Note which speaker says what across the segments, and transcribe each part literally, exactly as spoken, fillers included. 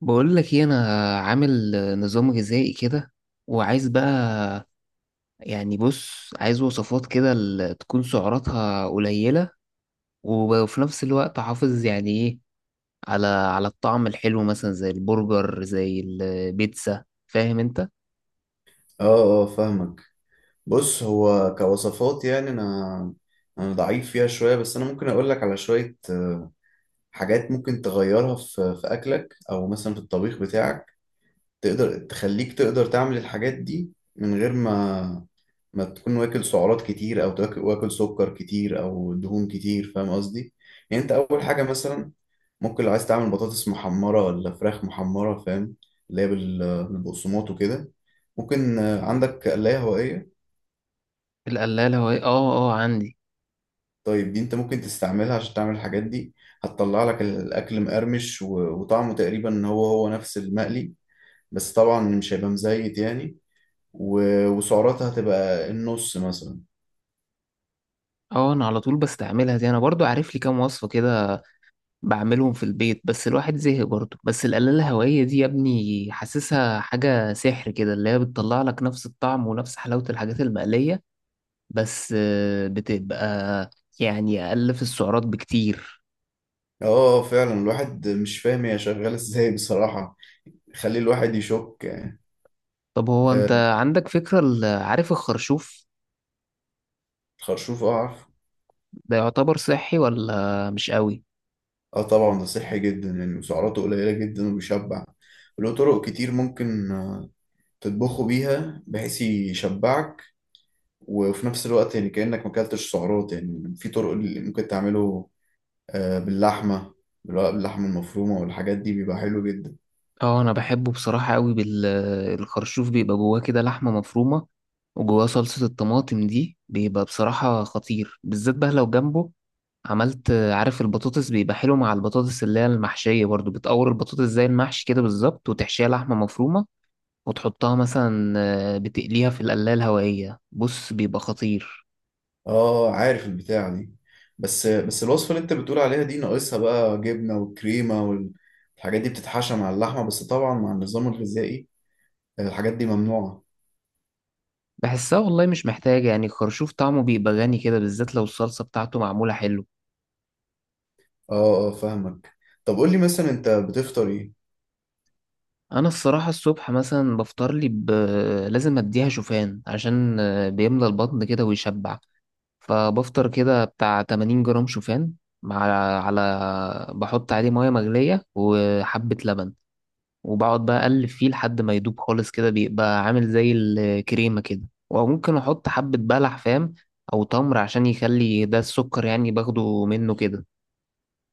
Speaker 1: بقول لك ايه. انا عامل نظام غذائي كده وعايز بقى. يعني بص عايز وصفات كده ال- تكون سعراتها قليلة وفي نفس الوقت احافظ يعني ايه على على الطعم الحلو مثلا زي البرجر زي البيتزا فاهم انت؟
Speaker 2: اه، اه فاهمك. بص، هو كوصفات يعني انا انا ضعيف فيها شويه، بس انا ممكن اقول لك على شويه آه، حاجات ممكن تغيرها في في اكلك او مثلا في الطبيخ بتاعك. تقدر تخليك تقدر تعمل الحاجات دي من غير ما ما تكون واكل سعرات كتير او تاكل واكل سكر كتير او دهون كتير، فاهم قصدي؟ يعني انت اول حاجه مثلا، ممكن لو عايز تعمل بطاطس محمره ولا فراخ محمره، فاهم؟ اللي هي بال- بالبقسماط وكده، ممكن آه، عندك قلاية هوائية؟
Speaker 1: القلالة وهي اه اه عندي.
Speaker 2: طيب دي انت ممكن تستعملها عشان تعمل الحاجات دي. هتطلع لك الاكل مقرمش و- وطعمه تقريبا هو هو نفس المقلي، بس طبعا مش هيبقى مزيت يعني، و- وسعراتها هتبقى النص مثلا.
Speaker 1: اه انا على طول بستعملها دي، انا برضو عارف لي كام وصفة كده بعملهم في البيت، بس الواحد زهق برضه. بس القلاية الهوائية دي يا ابني حاسسها حاجة سحر كده، اللي هي بتطلع لك نفس الطعم ونفس حلاوة الحاجات المقلية. بس آه، بتبقى يعني أقل في السعرات بكتير.
Speaker 2: اه فعلا، الواحد مش فاهم هي شغالة ازاي بصراحة، خلي الواحد يشك يعني.
Speaker 1: طب هو
Speaker 2: آه،
Speaker 1: أنت عندك فكرة ال- عارف الخرشوف
Speaker 2: الخرشوف، اه عارف.
Speaker 1: ده يعتبر صحي ولا مش قوي؟
Speaker 2: اه طبعا ده صحي جدا يعني، وسعراته قليلة جدا وبيشبع. له طرق كتير ممكن آه، تطبخه بيها بحيث يشبعك، وفي نفس الوقت يعني كأنك ما اكلتش سعرات. يعني في طرق اللي ممكن تعمله آه، باللحمة، بالو- باللحمة المفرومة، والحاجات دي بيبقى حلو جدا.
Speaker 1: اه أنا بحبه بصراحة قوي. بالخرشوف بيبقى جواه كده لحمة مفرومة، وجواه صلصة الطماطم دي، بيبقى بصراحة خطير. بالذات بقى لو جنبه عملت عارف البطاطس، بيبقى حلو مع البطاطس اللي هي المحشية. برضو بتقور البطاطس زي المحشي كده بالظبط، وتحشيها لحمة مفرومة، وتحطها مثلا آه، بتقليها في القلاية الهوائية، بص بيبقى خطير.
Speaker 2: اه عارف البتاعة دي، بس بس الوصفة اللي انت بتقول عليها دي ناقصها بقى جبنة وكريمة والحاجات دي بتتحشى مع اللحمة، بس طبعا مع النظام الغذائي آه، الحاجات دي ممنوعة.
Speaker 1: بحسها والله مش محتاجة، يعني الخرشوف طعمه بيبقى غني كده، بالذات لو الصلصة بتاعته معمولة حلو.
Speaker 2: اه اه فاهمك. طب قول لي مثلا انت بتفطر ايه؟
Speaker 1: أنا الصراحة الصبح مثلا بفطر لي ب... لازم أديها شوفان، عشان آه، بيملى البطن كده ويشبع. فبفطر كده بتاع تمانين جرام شوفان مع، على، بحط عليه مية مغلية وحبة لبن، وبقعد بقى أقلب فيه لحد ما يدوب خالص، كده بيبقى عامل زي الكريمة كده. وممكن أحط حبة بلح فاهم، أو تمر عشان يخلي ده السكر يعني باخده منه كده.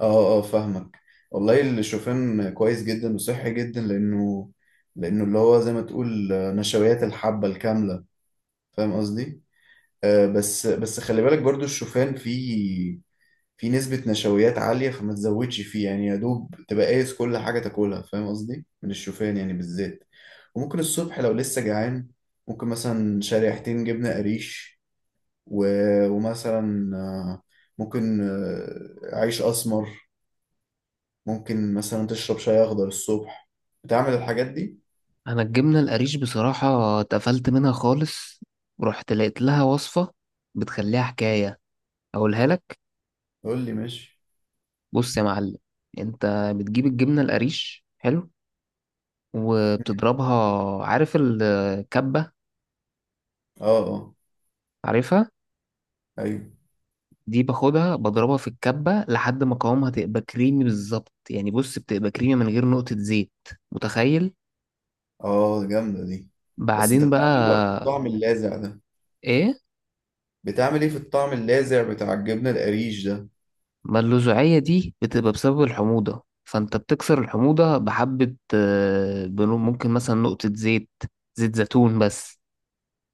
Speaker 2: اه اه فاهمك. والله الشوفان كويس جدا وصحي جدا، لانه لانه اللي هو زي ما تقول نشويات الحبة الكاملة، فاهم قصدي؟ آه، بس بس خلي بالك برضو، الشوفان فيه فيه نسبة نشويات عالية، فما تزودش فيه يعني، يا دوب تبقى قايس كل حاجة تاكلها، فاهم قصدي؟ من الشوفان يعني بالذات. وممكن الصبح لو لسه جعان، ممكن مثلا شريحتين جبنة قريش، و... ومثلا آه، ممكن آه، عيش أسمر، ممكن مثلا تشرب شاي اخضر الصبح، بتعمل الحاجات دي.
Speaker 1: أنا الجبنة القريش بصراحة اتقفلت منها خالص، ورحت لقيت لها وصفة بتخليها حكاية، أقولها لك.
Speaker 2: قول لي، ماشي.
Speaker 1: بص يا معلم، أنت بتجيب الجبنة القريش حلو وبتضربها. عارف الكبة؟
Speaker 2: اه اه.
Speaker 1: عارفها.
Speaker 2: ايوه.
Speaker 1: دي باخدها بضربها في الكبة لحد ما قوامها تبقى كريمي بالظبط، يعني بص بتبقى كريمي من غير نقطة زيت، متخيل؟
Speaker 2: اه جامده دي. بس انت
Speaker 1: بعدين
Speaker 2: بتعمل
Speaker 1: بقى
Speaker 2: ايه بقى في الطعم اللاذع ده؟
Speaker 1: ايه؟
Speaker 2: بتعمل ايه في الطعم اللاذع بتاع الجبنه القريش ده؟
Speaker 1: ما اللزوعية دي بتبقى بسبب الحموضة، فانت بتكسر الحموضة بحبة آه، بنو- ممكن مثلا نقطة زيت، زيت زيتون بس.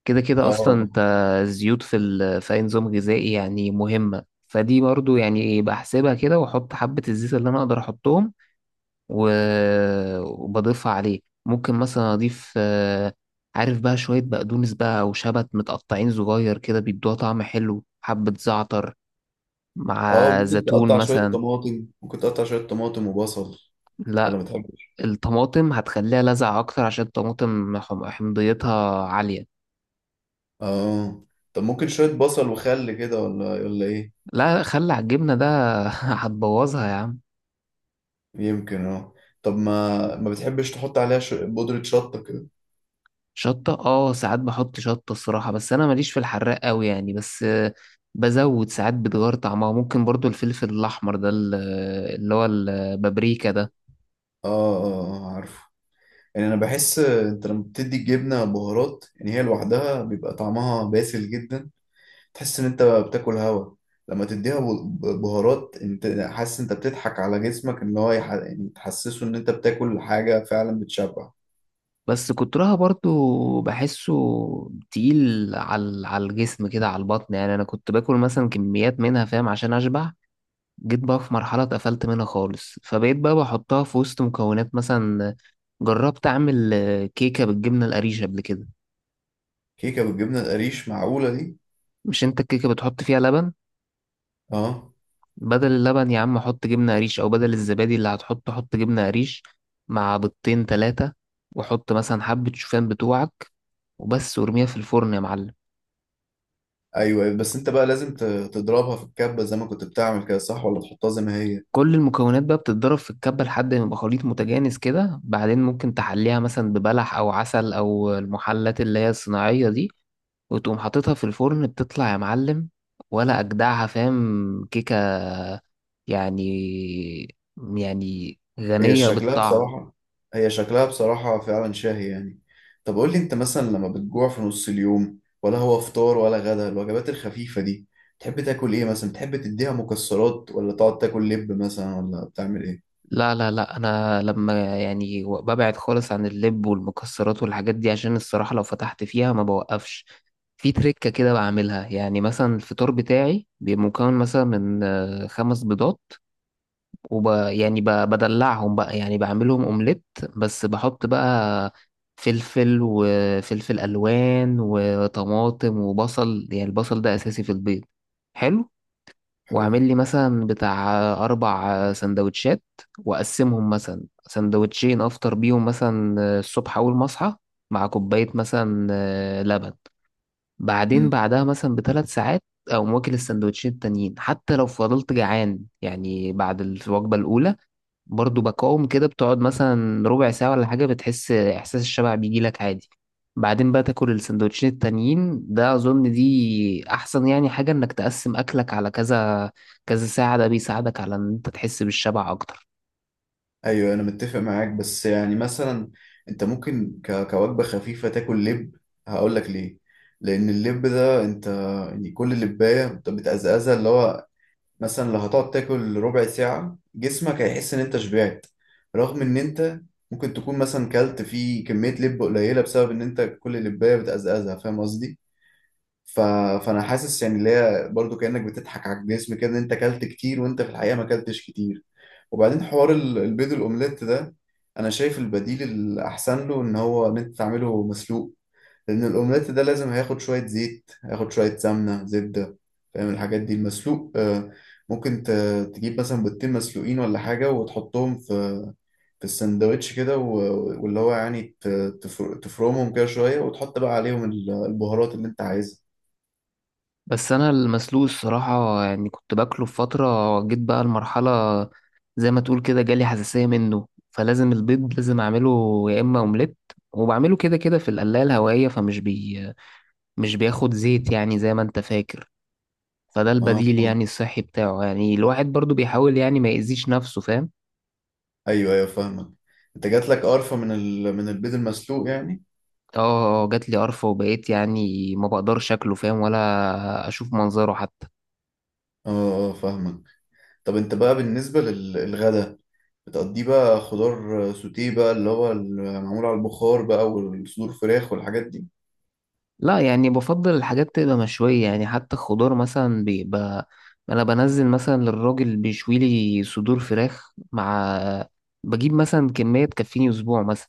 Speaker 1: كده كده
Speaker 2: اه
Speaker 1: اصلا انت الزيوت في ال... في اي نظام غذائي يعني مهمه، فدي برضو يعني بحسبها كده واحط حبه الزيت اللي انا اقدر احطهم، و... وبضيفها عليه. ممكن مثلا اضيف، آه، عارف بقى، شويه بقدونس بقى او شبت متقطعين صغير كده بيدوها طعم حلو، حبه زعتر
Speaker 2: اه.
Speaker 1: مع
Speaker 2: ممكن
Speaker 1: زيتون
Speaker 2: تقطع شويه
Speaker 1: مثلا.
Speaker 2: طماطم، ممكن تقطع شويه طماطم وبصل. ولا
Speaker 1: لا،
Speaker 2: ما بتحبش؟
Speaker 1: الطماطم هتخليها لذعة اكتر، عشان الطماطم حم- حمضيتها عاليه.
Speaker 2: اه. طب ممكن شويه بصل وخل كده، ولا ولا ايه؟
Speaker 1: لا، خلي على الجبنه ده، هتبوظها يا عم.
Speaker 2: يمكن، اه. طب ما ما بتحبش تحط عليها ش- بودره شطه كده؟
Speaker 1: شطة، اه ساعات بحط شطة الصراحة، بس انا ماليش في الحراق قوي يعني. بس آه، بزود ساعات بتغير طعمها، ممكن برضو الفلفل الاحمر ده ال- اللي هو البابريكا ده.
Speaker 2: اه اه. آه، عارفه. يعني انا بحس انت لما بتدي الجبنه بهارات، يعني هي لوحدها بيبقى طعمها باسل جدا، تحس ان انت بتاكل هوا. لما تديها ب- ب- بهارات، انت حاسس انت بتضحك على جسمك، ان هو يح- يعني تحسسه ان انت بتاكل حاجه فعلا بتشبع.
Speaker 1: بس كترها برضو بحسه تقيل على على الجسم كده، على البطن. يعني انا كنت باكل مثلا كميات منها فاهم، عشان اشبع. جيت بقى في مرحلة اتقفلت منها خالص، فبقيت بقى بحطها في وسط مكونات. مثلا جربت اعمل آه، كيكة بالجبنة القريش قبل كده.
Speaker 2: كيكه بالجبنه القريش؟ معقوله دي؟
Speaker 1: مش انت الكيكة بتحط فيها لبن؟
Speaker 2: اه.
Speaker 1: بدل اللبن يا عم حط جبنة قريش، أو بدل الزبادي اللي هتحطه حط جبنة قريش، مع بيضتين تلاتة، وحط مثلا حبة شوفان بتوعك، وبس، وارميها في الفرن يا معلم.
Speaker 2: ايوه، بس انت بقى لازم ت- تضربها في الكبه زي ما كنت بتعمل كده، صح؟ ولا تحطها زي ما هي؟
Speaker 1: كل المكونات بقى بتتضرب في الكبة لحد ما يبقى خليط متجانس كده، بعدين ممكن تحليها مثلا ببلح أو عسل أو المحلات اللي هي الصناعية دي، وتقوم حاططها في الفرن. بتطلع يا معلم، ولا أجدعها، فاهم، كيكة يعني، يعني
Speaker 2: هي
Speaker 1: غنية
Speaker 2: شكلها
Speaker 1: بالطعم.
Speaker 2: بصراحة، هي شكلها بصراحة فعلا شاهي يعني. طب قول لي، انت مثلا لما بتجوع في نص اليوم، ولا هو فطار ولا غدا، الوجبات الخفيفة دي تحب تاكل ايه مثلا؟ تحب تديها مكسرات ولا تقعد تاكل لب مثلا، ولا بتعمل ايه؟
Speaker 1: لا لا لا انا لما يعني ببعد خالص عن اللب والمكسرات والحاجات دي، عشان الصراحة لو فتحت فيها ما بوقفش. في تركة كده بعملها، يعني مثلا الفطار بتاعي بيبقى مكون مثلا من آه، خمس بيضات، وب يعني ب- بدلعهم بقى يعني بعملهم اومليت. بس بحط بقى فلفل وفلفل الوان وطماطم وبصل، يعني البصل ده اساسي في البيض. حلو.
Speaker 2: حلو.
Speaker 1: واعمل لي مثلا بتاع أربع سندوتشات، وأقسمهم مثلا سندوتشين أفطر بيهم مثلا الصبح أول ما أصحى، مع كوباية مثلا لبن. بعدين
Speaker 2: امم.
Speaker 1: بعدها مثلا بثلاث ساعات أقوم واكل السندوتشين التانيين. حتى لو فضلت جعان يعني بعد الوجبة الأولى، برضو بقاوم كده بتقعد مثلا ربع ساعة ولا حاجة، بتحس إحساس الشبع بيجيلك عادي. بعدين بقى تاكل السندوتشين التانيين. ده أظن دي أحسن يعني حاجة، إنك تقسم أكلك على كذا كذا ساعة، ده بيساعدك على إن أنت تحس بالشبع أكتر.
Speaker 2: ايوه، انا متفق معاك. بس يعني مثلا انت ممكن ك... كوجبة خفيفة تاكل لب. هقول لك ليه. لان اللب ده انت يعني كل لبايه بت- بتقزقزها، اللي هو مثلا لو هتقعد تاكل ربع ساعة، جسمك هيحس إن أنت شبعت، رغم إن أنت ممكن تكون مثلا كلت فيه كمية لب قليلة، بسبب إن أنت كل لباية بتقزقزها، فاهم قصدي؟ ف... فأنا حاسس يعني اللي هي برضه كأنك بتضحك على الجسم كده، إن أنت كلت كتير، وأنت في الحقيقة ما كلتش كتير. وبعدين حوار ال- البيض الأومليت ده، أنا شايف البديل الأحسن له، إن هو إن أنت تعمله مسلوق. لأن الأومليت ده لازم هياخد شوية زيت، هياخد شوية سمنة زبدة، فاهم الحاجات دي؟ المسلوق آه، ممكن ت- تجيب مثلا بيضتين مسلوقين ولا حاجة، وتحطهم في في السندوتش كده، و- واللي هو يعني ت- تفر- تفرمهم كده شوية، وتحط بقى عليهم ال- البهارات اللي أنت عايزها.
Speaker 1: بس أنا المسلوق الصراحة يعني كنت باكله في فترة، جيت بقى المرحلة زي ما تقول كده جالي حساسية منه. فلازم البيض لازم أعمله يا إما أومليت، وبعمله كده كده في القلاية الهوائية، فمش بي مش بياخد زيت يعني زي ما أنت فاكر. فده
Speaker 2: اه،
Speaker 1: البديل يعني الصحي بتاعه، يعني الواحد برضو بيحاول يعني ما يأذيش نفسه فاهم.
Speaker 2: أيوه أيوه فاهمك. أنت جات لك قرفة من ال... من البيض المسلوق يعني.
Speaker 1: اه آه، آه، جات لي قرفة، وبقيت يعني ما بقدرش شكله فاهم، ولا اشوف منظره حتى.
Speaker 2: اه اه فاهمك. طب أنت بقى بالنسبة للغدا، بتقضيه بقى خضار سوتيه بقى، اللي هو معمول على البخار بقى، والصدور فراخ والحاجات دي؟
Speaker 1: لا، يعني بفضل الحاجات تبقى مشوية، يعني حتى الخضار مثلا بيبقى. انا بنزل مثلا للراجل بيشوي لي صدور فراخ، مع، بجيب مثلا كمية تكفيني اسبوع مثلا،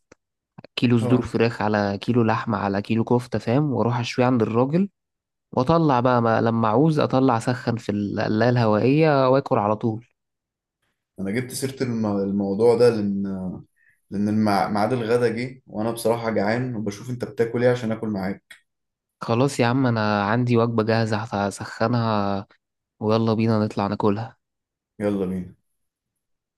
Speaker 1: كيلو صدور
Speaker 2: اه.
Speaker 1: فراخ على كيلو لحمة على كيلو كفتة فاهم، واروح اشوي عند الراجل. واطلع بقى، ما لما اعوز اطلع اسخن في القلاية الهوائية واكل على طول.
Speaker 2: انا جبت سيرة الم- الموضوع ده لان، لان المع- ميعاد الغدا جه وانا بصراحة جعان، وبشوف انت بتاكل ايه عشان اكل معاك.
Speaker 1: خلاص يا عم انا عندي وجبة جاهزة هسخنها، ويلا بينا نطلع ناكلها.
Speaker 2: يلا بينا.